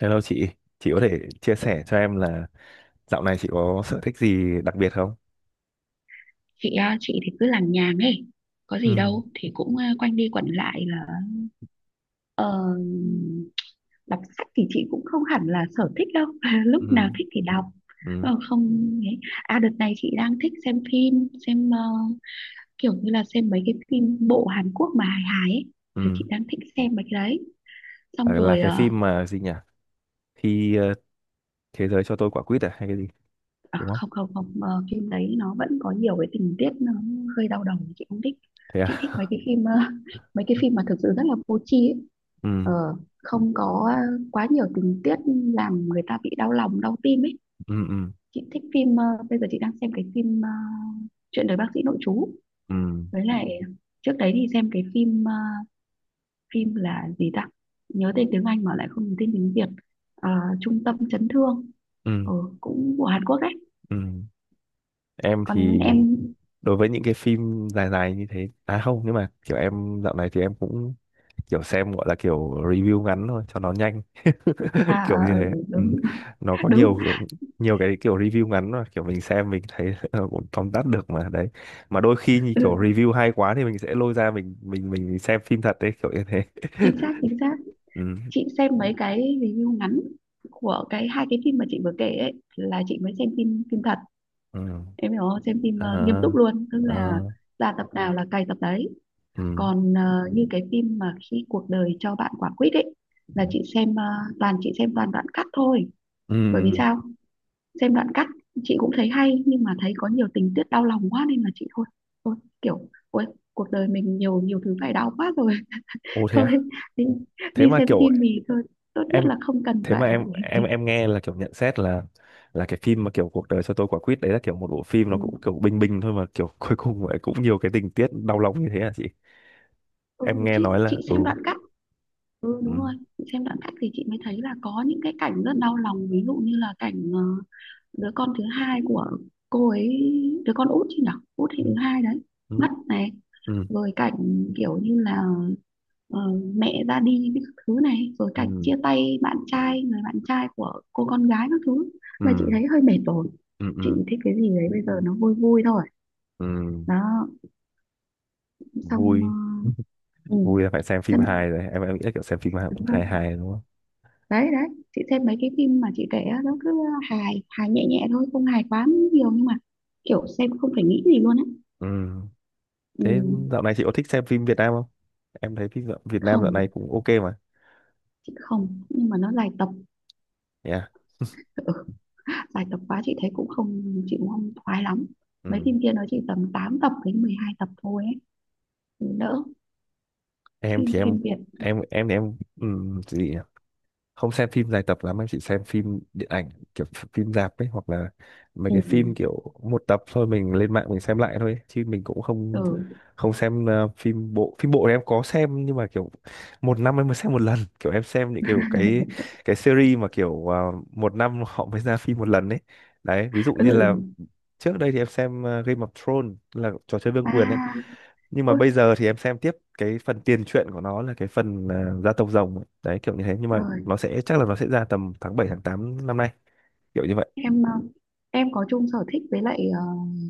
Hello chị có thể chia sẻ cho em là dạo này chị có sở thích gì đặc biệt không? Chị à, chị thì cứ làm nhàng ấy, có gì Ừ, đâu thì cũng quanh đi quẩn lại là ờ, đọc sách thì chị cũng không hẳn là sở thích đâu. ừ, Lúc nào thích thì đọc. ừ, Không ấy. À, đợt này chị đang thích xem phim, xem kiểu như là xem mấy cái phim bộ Hàn Quốc mà hài hài ấy. Là ừ. chị đang thích xem mấy cái đấy. Là, Xong là rồi cái phim mà gì nhỉ? Khi thế giới cho tôi quả quýt à hay cái gì? à, Đúng không? không không không, phim đấy nó vẫn có nhiều cái tình tiết nó hơi đau đầu, chị không thích. Thế Chị thích mấy à? cái phim, mấy cái phim mà thực sự rất là vô tri ấy. Ờ, Ừ, Không có quá nhiều tình tiết làm người ta bị đau lòng đau tim ấy. ừ, ừ, Chị thích phim, bây giờ chị đang xem cái phim, chuyện đời bác sĩ nội trú. ừ, Với lại trước đấy thì xem cái phim, phim là gì ta, nhớ tên tiếng Anh mà lại không nhớ tên tiếng Việt. Ờ, Trung tâm chấn thương. ừ, Ờ, Cũng của Hàn Quốc ấy. ừ. Em Còn thì em... đối với những cái phim dài dài như thế à không, nhưng mà kiểu em dạo này thì em cũng kiểu xem gọi là kiểu review ngắn thôi cho nó nhanh À, ờ, kiểu như ờ, thế. ừ, Ừ, đúng, nó có đúng, nhiều nhiều cái kiểu review ngắn mà kiểu mình xem mình thấy ờ, cũng tóm tắt được mà đấy, mà đôi khi như kiểu ừ, review hay quá thì mình sẽ lôi ra mình xem phim thật đấy kiểu như thế. chính xác, chính xác. Ừ. Chị xem mấy cái review ngắn của cái hai cái phim mà chị vừa kể ấy, là chị mới xem phim phim thật. Ừ. Em hiểu không? Xem phim, nghiêm À. túc luôn, tức là À. ra tập nào là cày tập đấy. Ừ. Còn như cái phim mà khi cuộc đời cho bạn quả quýt ấy, Ừ. Ừ. là chị xem, toàn chị xem toàn đoạn cắt thôi. Ừ. Bởi vì sao? Xem đoạn cắt chị cũng thấy hay nhưng mà thấy có nhiều tình tiết đau lòng quá nên là chị thôi, thôi kiểu, ôi, cuộc đời mình nhiều nhiều thứ phải đau quá rồi, Ồ thế thôi à? đi, Thế đi mà xem kiểu phim thì thôi, tốt nhất em là không cần thế mà phải... em nghe là kiểu nhận xét là cái phim mà kiểu cuộc đời cho tôi quả quýt đấy là kiểu một bộ phim Ừ, nó cũng kiểu bình bình thôi mà kiểu cuối cùng lại cũng nhiều cái tình tiết đau lòng như thế à chị? ừ, Em nghe chị nói là chị ừ, xem đoạn cắt. Ừ, ừ, đúng rồi, chị xem đoạn cắt thì chị mới thấy là có những cái cảnh rất đau lòng, ví dụ như là cảnh, đứa con thứ hai của cô ấy, đứa con út chứ nhở, út thì thứ hai đấy, ừ, mất này. ừ, Rồi cảnh kiểu như là, ờ, mẹ ra đi với các thứ này, rồi cảnh ừ, chia tay bạn trai, người bạn trai của cô con gái các thứ, ừ, là chị thấy hơi mệt rồi. ừ, ừ, Chị ừ, thích cái gì đấy bây giờ nó vui vui thôi. ừ, Đó. Xong vui. ừ. Vui là phải xem phim Chân... hài rồi, em nghĩ là kiểu xem phim hài đúng rồi, hài hài đúng không? đấy đấy. Chị xem mấy cái phim mà chị kể á, nó cứ hài hài nhẹ nhẹ thôi, không hài quá nhiều nhưng mà kiểu xem không phải nghĩ gì luôn á. Ừ, Ừ, thế dạo này chị có thích xem phim Việt Nam không? Em thấy phim Việt Nam dạo này không, cũng ok mà. chị không, nhưng mà nó dài tập. Yeah. Ừ, dài tập quá chị thấy cũng không, chị cũng không khoái lắm. Ừ, Mấy phim kia nó chỉ tầm 8 tập đến 12 tập thôi ấy. Ừ, đỡ. em Phim thì phim Việt... em thì em ừ, gì nhỉ? Không xem phim dài tập lắm, em chỉ xem phim điện ảnh kiểu phim rạp ấy, hoặc là mấy ừ cái phim kiểu một tập thôi mình lên mạng mình xem lại thôi ấy. Chứ mình cũng ừ không không xem phim bộ. Phim bộ thì em có xem nhưng mà kiểu một năm em mới xem một lần, kiểu em xem những kiểu cái series mà kiểu một năm họ mới ra phim một lần ấy, đấy ví dụ như là ừ, trước đây thì em xem Game of Thrones, là trò chơi vương quyền ấy, à, nhưng mà ôi bây giờ thì em xem tiếp cái phần tiền truyện của nó là cái phần à, gia tộc rồng ấy. Đấy kiểu như thế, nhưng mà trời. nó sẽ chắc là nó sẽ ra tầm tháng 7 tháng 8 năm nay, kiểu như vậy. Em ờ, em có chung sở thích với lại,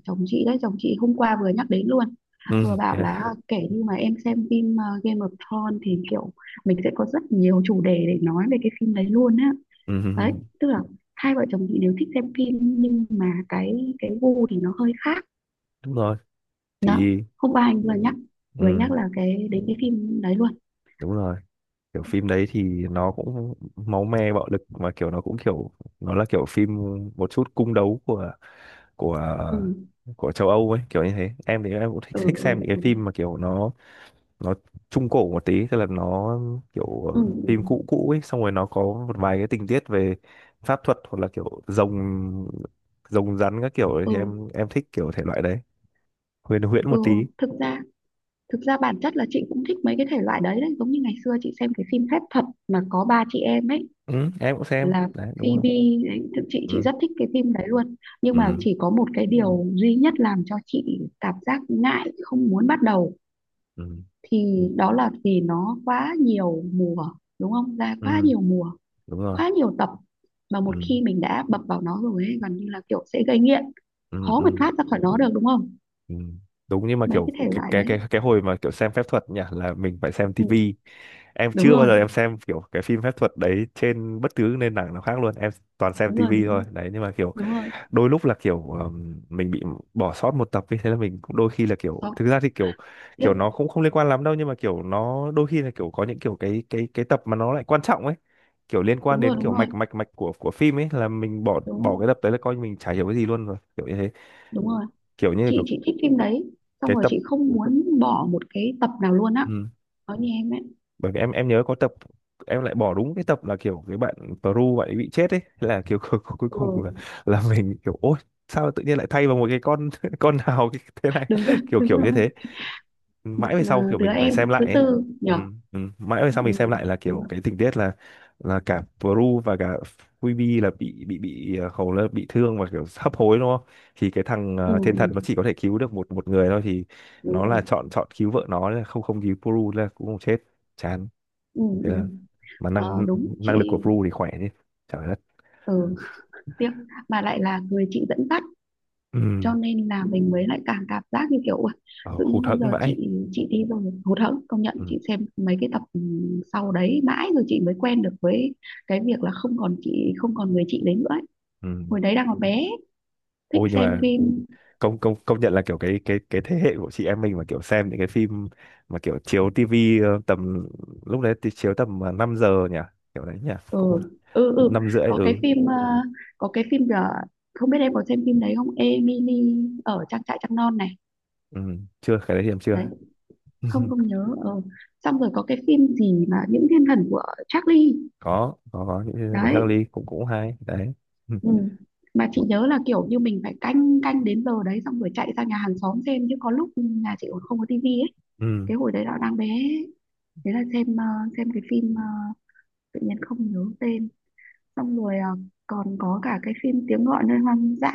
chồng chị đấy. Chồng chị hôm qua vừa nhắc đến luôn, Ừ, vừa thế bảo là à? kể như mà em xem phim, Game of Thrones thì kiểu mình sẽ có rất nhiều chủ đề để nói về cái phim đấy luôn á. Ừ, ừ, Đấy, ừ. tức là hai vợ chồng chị đều thích xem phim nhưng mà cái gu thì nó hơi khác. Đúng rồi Đó. thì Hôm qua anh vừa nhắc, vừa nhắc ừ, là cái đến cái phim đấy luôn. đúng rồi, kiểu phim đấy thì nó cũng máu me bạo lực mà kiểu nó cũng kiểu nó là kiểu phim một chút cung đấu của của Ừ của châu Âu ấy kiểu như thế. Em thì em cũng thích ừ thích ừ, xem những cái ừ phim mà kiểu nó trung cổ một tí, tức là nó kiểu ừ, phim cũ cũ ấy, xong rồi nó có một vài cái tình tiết về pháp thuật hoặc là kiểu rồng rồng rắn các kiểu ấy, thì ừ. Em thích kiểu thể loại đấy, huyền huyễn Ừ. một tí. Thực ra... Thực ra bản chất là chị cũng thích mấy cái thể loại đấy đấy, giống như ngày xưa chị xem cái phim phép thuật mà có ba chị em ấy, Ừ, em cũng xem là đấy đúng không? Phoebe đấy. Thực chị Ừ, rất thích cái phim đấy luôn. Nhưng mà ừ, chỉ có một cái điều duy nhất làm cho chị cảm giác ngại không muốn bắt đầu, ừ, thì đó là vì nó quá nhiều mùa, đúng không? Ra ừ, quá nhiều mùa, đúng rồi. quá nhiều tập, mà Ừ, một khi mình đã bập vào nó rồi ấy, gần như là kiểu sẽ gây nghiện, ừ, khó mà ừ, thoát ra khỏi nó được đúng không? ừ. Đúng, nhưng mà Mấy kiểu cái thể cái loại cái đấy. cái cái hồi mà kiểu xem phép thuật nhỉ là mình phải xem Ừ, tivi. Em đúng chưa bao rồi, giờ em xem kiểu cái phim phép thuật đấy trên bất cứ nền tảng nào khác luôn, em toàn xem đúng rồi, tivi đúng thôi rồi, đấy, nhưng mà kiểu đúng rồi. đôi lúc là kiểu mình bị bỏ sót một tập ấy, thế là mình cũng đôi khi là kiểu Có, thực ra thì kiểu tiếc. kiểu nó cũng không liên quan lắm đâu, nhưng mà kiểu nó đôi khi là kiểu có những kiểu cái tập mà nó lại quan trọng ấy, kiểu liên quan Đúng rồi, đến đúng kiểu rồi, mạch mạch mạch của phim ấy, là mình bỏ bỏ đúng, cái tập đấy là coi như mình chả hiểu cái gì luôn rồi kiểu như thế, đúng rồi, kiểu như là chị kiểu chị thích phim đấy, xong cái rồi tập. chị không muốn bỏ một cái tập nào luôn á. Ừ, Nói như em ấy. bởi vì em nhớ có tập em lại bỏ đúng cái tập là kiểu cái bạn Peru bạn ấy bị chết ấy. Thế là kiểu cuối cuối cùng Ừ, là mình kiểu ôi, sao tự nhiên lại thay vào một cái con con nào thế này, đúng rồi, kiểu đúng kiểu rồi. như thế, Một, mãi về sau kiểu đứa mình phải xem em lại thứ ấy. tư Ừ, nhở. ừ. Mãi về sau mình Ừ, xem lại là đúng kiểu rồi. cái tình tiết là cả Bru và cả Phoebe là bị hầu là bị thương và kiểu hấp hối đúng không? Thì cái thằng Ừ, thiên thần nó ừ, chỉ có thể cứu được một một người thôi, thì đúng nó là rồi. chọn chọn cứu vợ nó, là không không cứu Bru là cũng không chết, chán. Ừ, Thế ừ. là mà Ờ, năng đúng chị. năng lực của Bru thì khỏe chứ, trời đất. Ừ, tiếc. Mà lại là người chị dẫn dắt, Ừ. cho nên là mình mới lại càng cảm giác như kiểu "Ui, Ờ, tự hụt nhiên bây hẫng giờ chị vãi. chị đi rồi". Hụt hẫng. Công nhận Ừ. chị xem mấy cái tập, ừ, sau đấy mãi rồi chị mới quen được với cái việc là không còn chị, không còn người chị đấy nữa ấy. Ừ. Hồi đấy đang còn bé, thích Ôi nhưng xem mà phim. công công công nhận là kiểu cái thế hệ của chị em mình mà kiểu xem những cái phim mà kiểu chiếu tivi tầm lúc đấy thì chiếu tầm 5 giờ nhỉ, kiểu đấy nhỉ, Ừ cũng ừ ừ. 5 rưỡi. Có cái Ừ, phim, có cái phim giờ không biết em có xem phim đấy không, Emily ở trang trại trăng non này. ừ, chưa, cái đấy thì em chưa. Đấy, không, không nhớ. Ờ. Xong rồi có cái phim gì mà những thiên thần của Charlie. Có có những cái của Đấy. Charlie cũng cũng hay đấy. Ừ. Ừ. Mà chị Mà. nhớ là kiểu như mình phải canh, canh đến giờ đấy xong rồi chạy ra nhà hàng xóm xem chứ có lúc nhà chị còn không có tivi ấy. Ừ, Cái hồi đấy là đang bé ấy. Thế là xem, xem cái phim, tự nhiên không nhớ tên. Xong rồi, còn có cả cái phim tiếng gọi nơi hoang dã.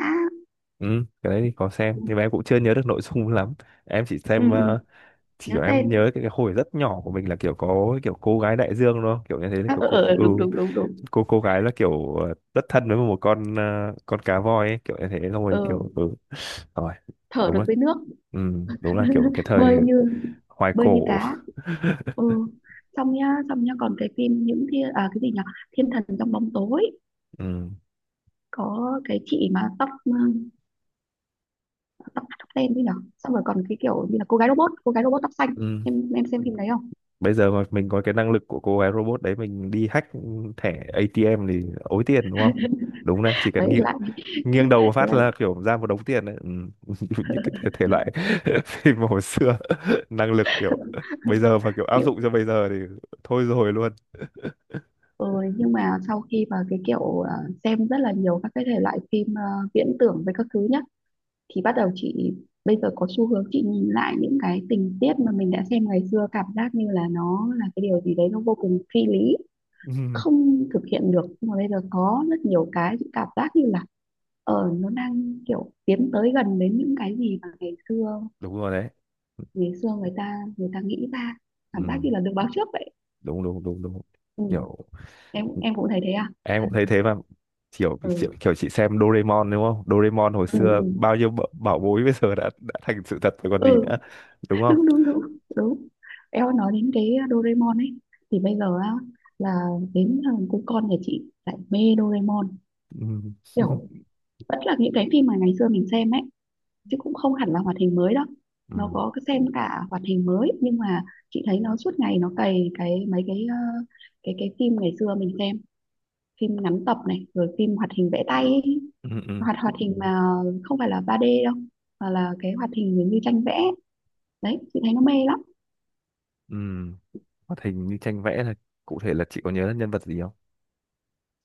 ừ, cái đấy thì có xem Ừ, nhưng mà em cũng chưa nhớ được nội dung lắm, em chỉ ừ, xem ừ, chỉ nhớ kiểu em tên. nhớ cái, hồi rất nhỏ của mình là kiểu có kiểu cô gái đại dương thôi kiểu như thế, Ờ, kiểu cô, ờ, ờ, ừ, đúng đúng đúng đúng. cô gái là kiểu rất thân với một con con cá voi ấy, kiểu như thế thôi Ờ, kiểu ừ rồi, thở đúng được là với nước. ừ, đúng là kiểu cái thời Bơi như, hoài bơi như cổ. cá. Ừ. Xong nhá, xong nhá, còn cái phim những thiên, à, cái gì nhỉ, thiên thần trong bóng tối. Ừ, Có cái chị mà tóc, ừ, tóc tóc đen đi nào, xong rồi còn cái kiểu như là cô gái robot, cô gái robot tóc xanh. ừ. Em xem phim đấy không? Bây giờ mà mình có cái năng lực của cô gái robot đấy, mình đi hack thẻ ATM thì ối tiền đúng không? Đúng đấy, chỉ cần Đấy nghiêng lại nghiêng đầu một phát là... là kiểu ra một đống tiền đấy. Ừ. Những cái thể thể loại phim hồi xưa, năng lực kiểu bây giờ mà kiểu áp Nhưng, dụng cho bây giờ thì thôi rồi luôn. ừ, nhưng mà sau khi mà cái kiểu à, xem rất là nhiều các cái thể loại phim, à, viễn tưởng với các thứ nhá, thì bắt đầu chị, bây giờ có xu hướng chị nhìn lại những cái tình tiết mà mình đã xem ngày xưa, cảm giác như là nó là cái điều gì đấy nó vô cùng phi lý, Ừ. không thực hiện được, nhưng mà bây giờ có rất nhiều cái chị cảm giác như là nó đang kiểu tiến tới gần đến những cái gì mà ngày xưa, Đúng rồi đấy. ngày xưa người ta, nghĩ ra, Ừ. cảm giác như là được báo trước vậy. Đúng đúng đúng đúng, Ừ. kiểu em cũng thấy thế à? em cũng thấy thế mà, kiểu Ừ kiểu, kiểu chị xem Doraemon đúng không? Doraemon hồi ừ xưa ừ, bao nhiêu bảo bối bây giờ đã thành sự thật rồi còn gì ừ. nữa, đúng không? Đúng đúng đúng đúng. Em nói đến cái Doraemon ấy, thì bây giờ á, là đến thằng cu con nhà chị lại mê Doraemon, Ừ. kiểu vẫn là những cái phim mà ngày xưa mình xem ấy, chứ cũng không hẳn là hoạt hình mới đâu. Ừ. Nó có cái xem cả hoạt hình mới nhưng mà chị thấy nó suốt ngày nó cày cái mấy cái, cái phim ngày xưa mình xem, phim ngắn tập này rồi phim hoạt hình vẽ tay ấy. Ừ. Ừ. Hoạt hoạt hình mà không phải là 3D đâu, mà là cái hoạt hình giống như tranh vẽ. Đấy chị thấy nó mê lắm. Ừ. Hoạt hình như tranh vẽ là cụ thể là chị có nhớ nhân vật gì không?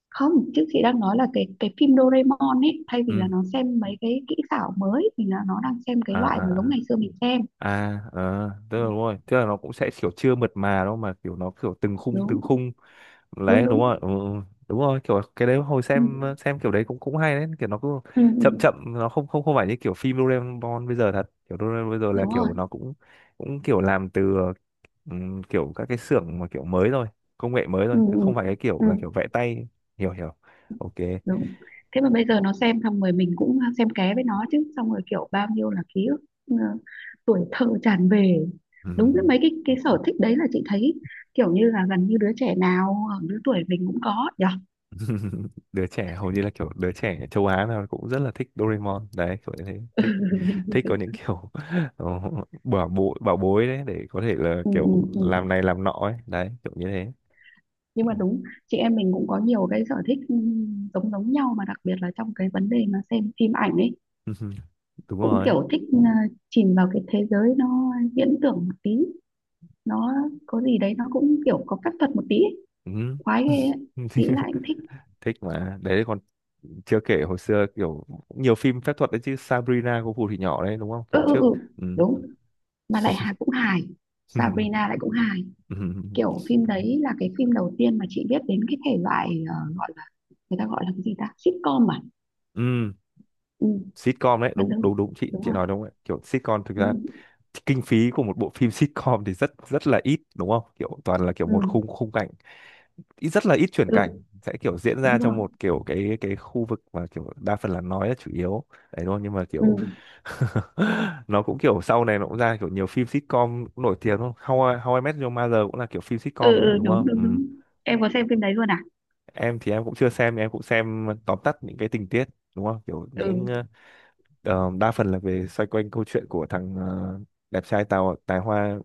Không, chứ chị đang nói là cái phim Doraemon ấy, thay vì là Ừ. nó xem mấy cái kỹ xảo mới thì là nó đang xem cái À loại à mà giống ngày xưa mình xem. à à, ờ, tức là đúng rồi, tức là nó cũng sẽ kiểu chưa mượt mà đâu, mà kiểu nó kiểu từng khung Đúng từng khung. đúng Đấy đúng đúng. rồi ừ, ừ, đúng rồi, kiểu cái đấy hồi Ừ. xem kiểu đấy cũng cũng hay đấy, kiểu nó cứ Ừ. chậm Ừ. chậm, nó không không không phải như kiểu phim Doraemon bây giờ thật, kiểu Doraemon bây giờ là Đúng rồi. kiểu nó cũng cũng kiểu làm từ kiểu các cái xưởng mà kiểu mới rồi, công nghệ mới Ừ. rồi, chứ Ừ. không phải cái Ừ. kiểu là kiểu vẽ tay, hiểu hiểu, ok. Đúng. Thế mà bây giờ nó xem xong rồi mình cũng xem ké với nó chứ, xong rồi kiểu bao nhiêu là ký ức, ờ, tuổi thơ tràn về. Đúng, với Ừm. mấy cái sở thích đấy là chị thấy kiểu như là gần như đứa trẻ nào ở lứa tuổi mình cũng có nhỉ. Đứa trẻ hầu như là kiểu đứa trẻ châu Á nào cũng rất là thích Doraemon đấy, kiểu như thế, thích thích có những kiểu ờ, bảo bối đấy để có thể là Ừ, kiểu ừ, ừ. làm này làm nọ ấy, đấy kiểu như thế. Nhưng Ừ. mà đúng, chị em mình cũng có nhiều cái sở thích, ừ, giống giống nhau mà đặc biệt là trong cái vấn đề mà xem phim ảnh ấy, Đúng cũng rồi. kiểu thích, ừ, chìm vào cái thế giới nó viễn tưởng một tí, nó có gì đấy nó cũng kiểu có phép thuật một tí ấy. Ừ. Khoái ghê ấy. Nghĩ lại cũng thích. Thích. Mà đấy còn chưa kể hồi xưa kiểu cũng nhiều phim phép thuật đấy chứ, Sabrina cô phù thủy nhỏ đấy đúng không Ừ kiểu ừ trước. ừ, Ừ. đúng. Mà lại hài, cũng hài. Sabrina lại cũng hài. Ừ. Kiểu phim đấy là cái phim đầu tiên mà chị biết đến cái thể loại, gọi là, người ta gọi là cái gì ta, sitcom à. Ừ. Ừ. Sitcom đấy Gần đúng đúng. đúng đúng, chị Đúng chị rồi. nói đúng đấy, kiểu sitcom thực ra Ừ kinh phí của một bộ phim sitcom thì rất rất là ít đúng không, kiểu toàn là kiểu một ừ khung khung cảnh, ít rất là ít chuyển cảnh, ừ, sẽ kiểu diễn ra đúng rồi. trong một kiểu cái khu vực mà kiểu đa phần là nói là chủ yếu đấy đúng không, nhưng mà Ừ kiểu nó cũng kiểu sau này nó cũng ra kiểu nhiều phim sitcom cũng nổi tiếng đúng không, How I, How I Met Your Mother cũng là kiểu phim sitcom ừ mà ừ, đúng đúng không? Ừ. đúng đúng. Em có xem phim đấy luôn à? Em thì em cũng chưa xem, em cũng xem tóm tắt những cái tình tiết đúng không, kiểu những Ừ. ờ, đa phần là về xoay quanh câu chuyện của thằng đẹp trai tào tài hoa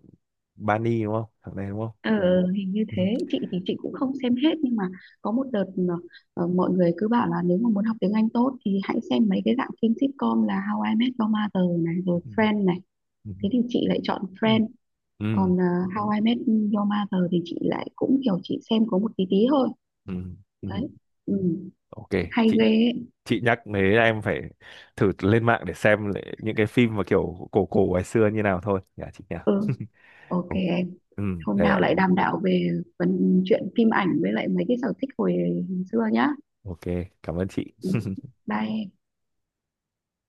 Bani đúng không, thằng này đúng không? Ờ ờ, hình như thế. Chị thì chị cũng không xem hết, nhưng mà có một đợt mà, ờ, mọi người cứ bảo là nếu mà muốn học tiếng Anh tốt thì hãy xem mấy cái dạng phim sitcom là How I Met Your Mother này rồi Ừ. Friends này, Ừ. thế thì chị lại chọn Ừ. Friends. Ừ. Còn, How I Met Your Mother thì chị lại cũng kiểu chị xem có một tí tí thôi. Ừ. Ừ. Đấy. Ừ. Ok, Hay chị ghê ấy. chị nhắc thế là em phải thử lên mạng để xem lại những cái phim mà kiểu cổ cổ ngày xưa như nào thôi nhà chị nhỉ. Ừ. OK em, Ừ, hôm đấy nào ạ. lại đàm đạo về phần chuyện phim ảnh với lại mấy cái sở thích hồi xưa nhá. Ok, cảm ơn Ừ. chị. Bye em.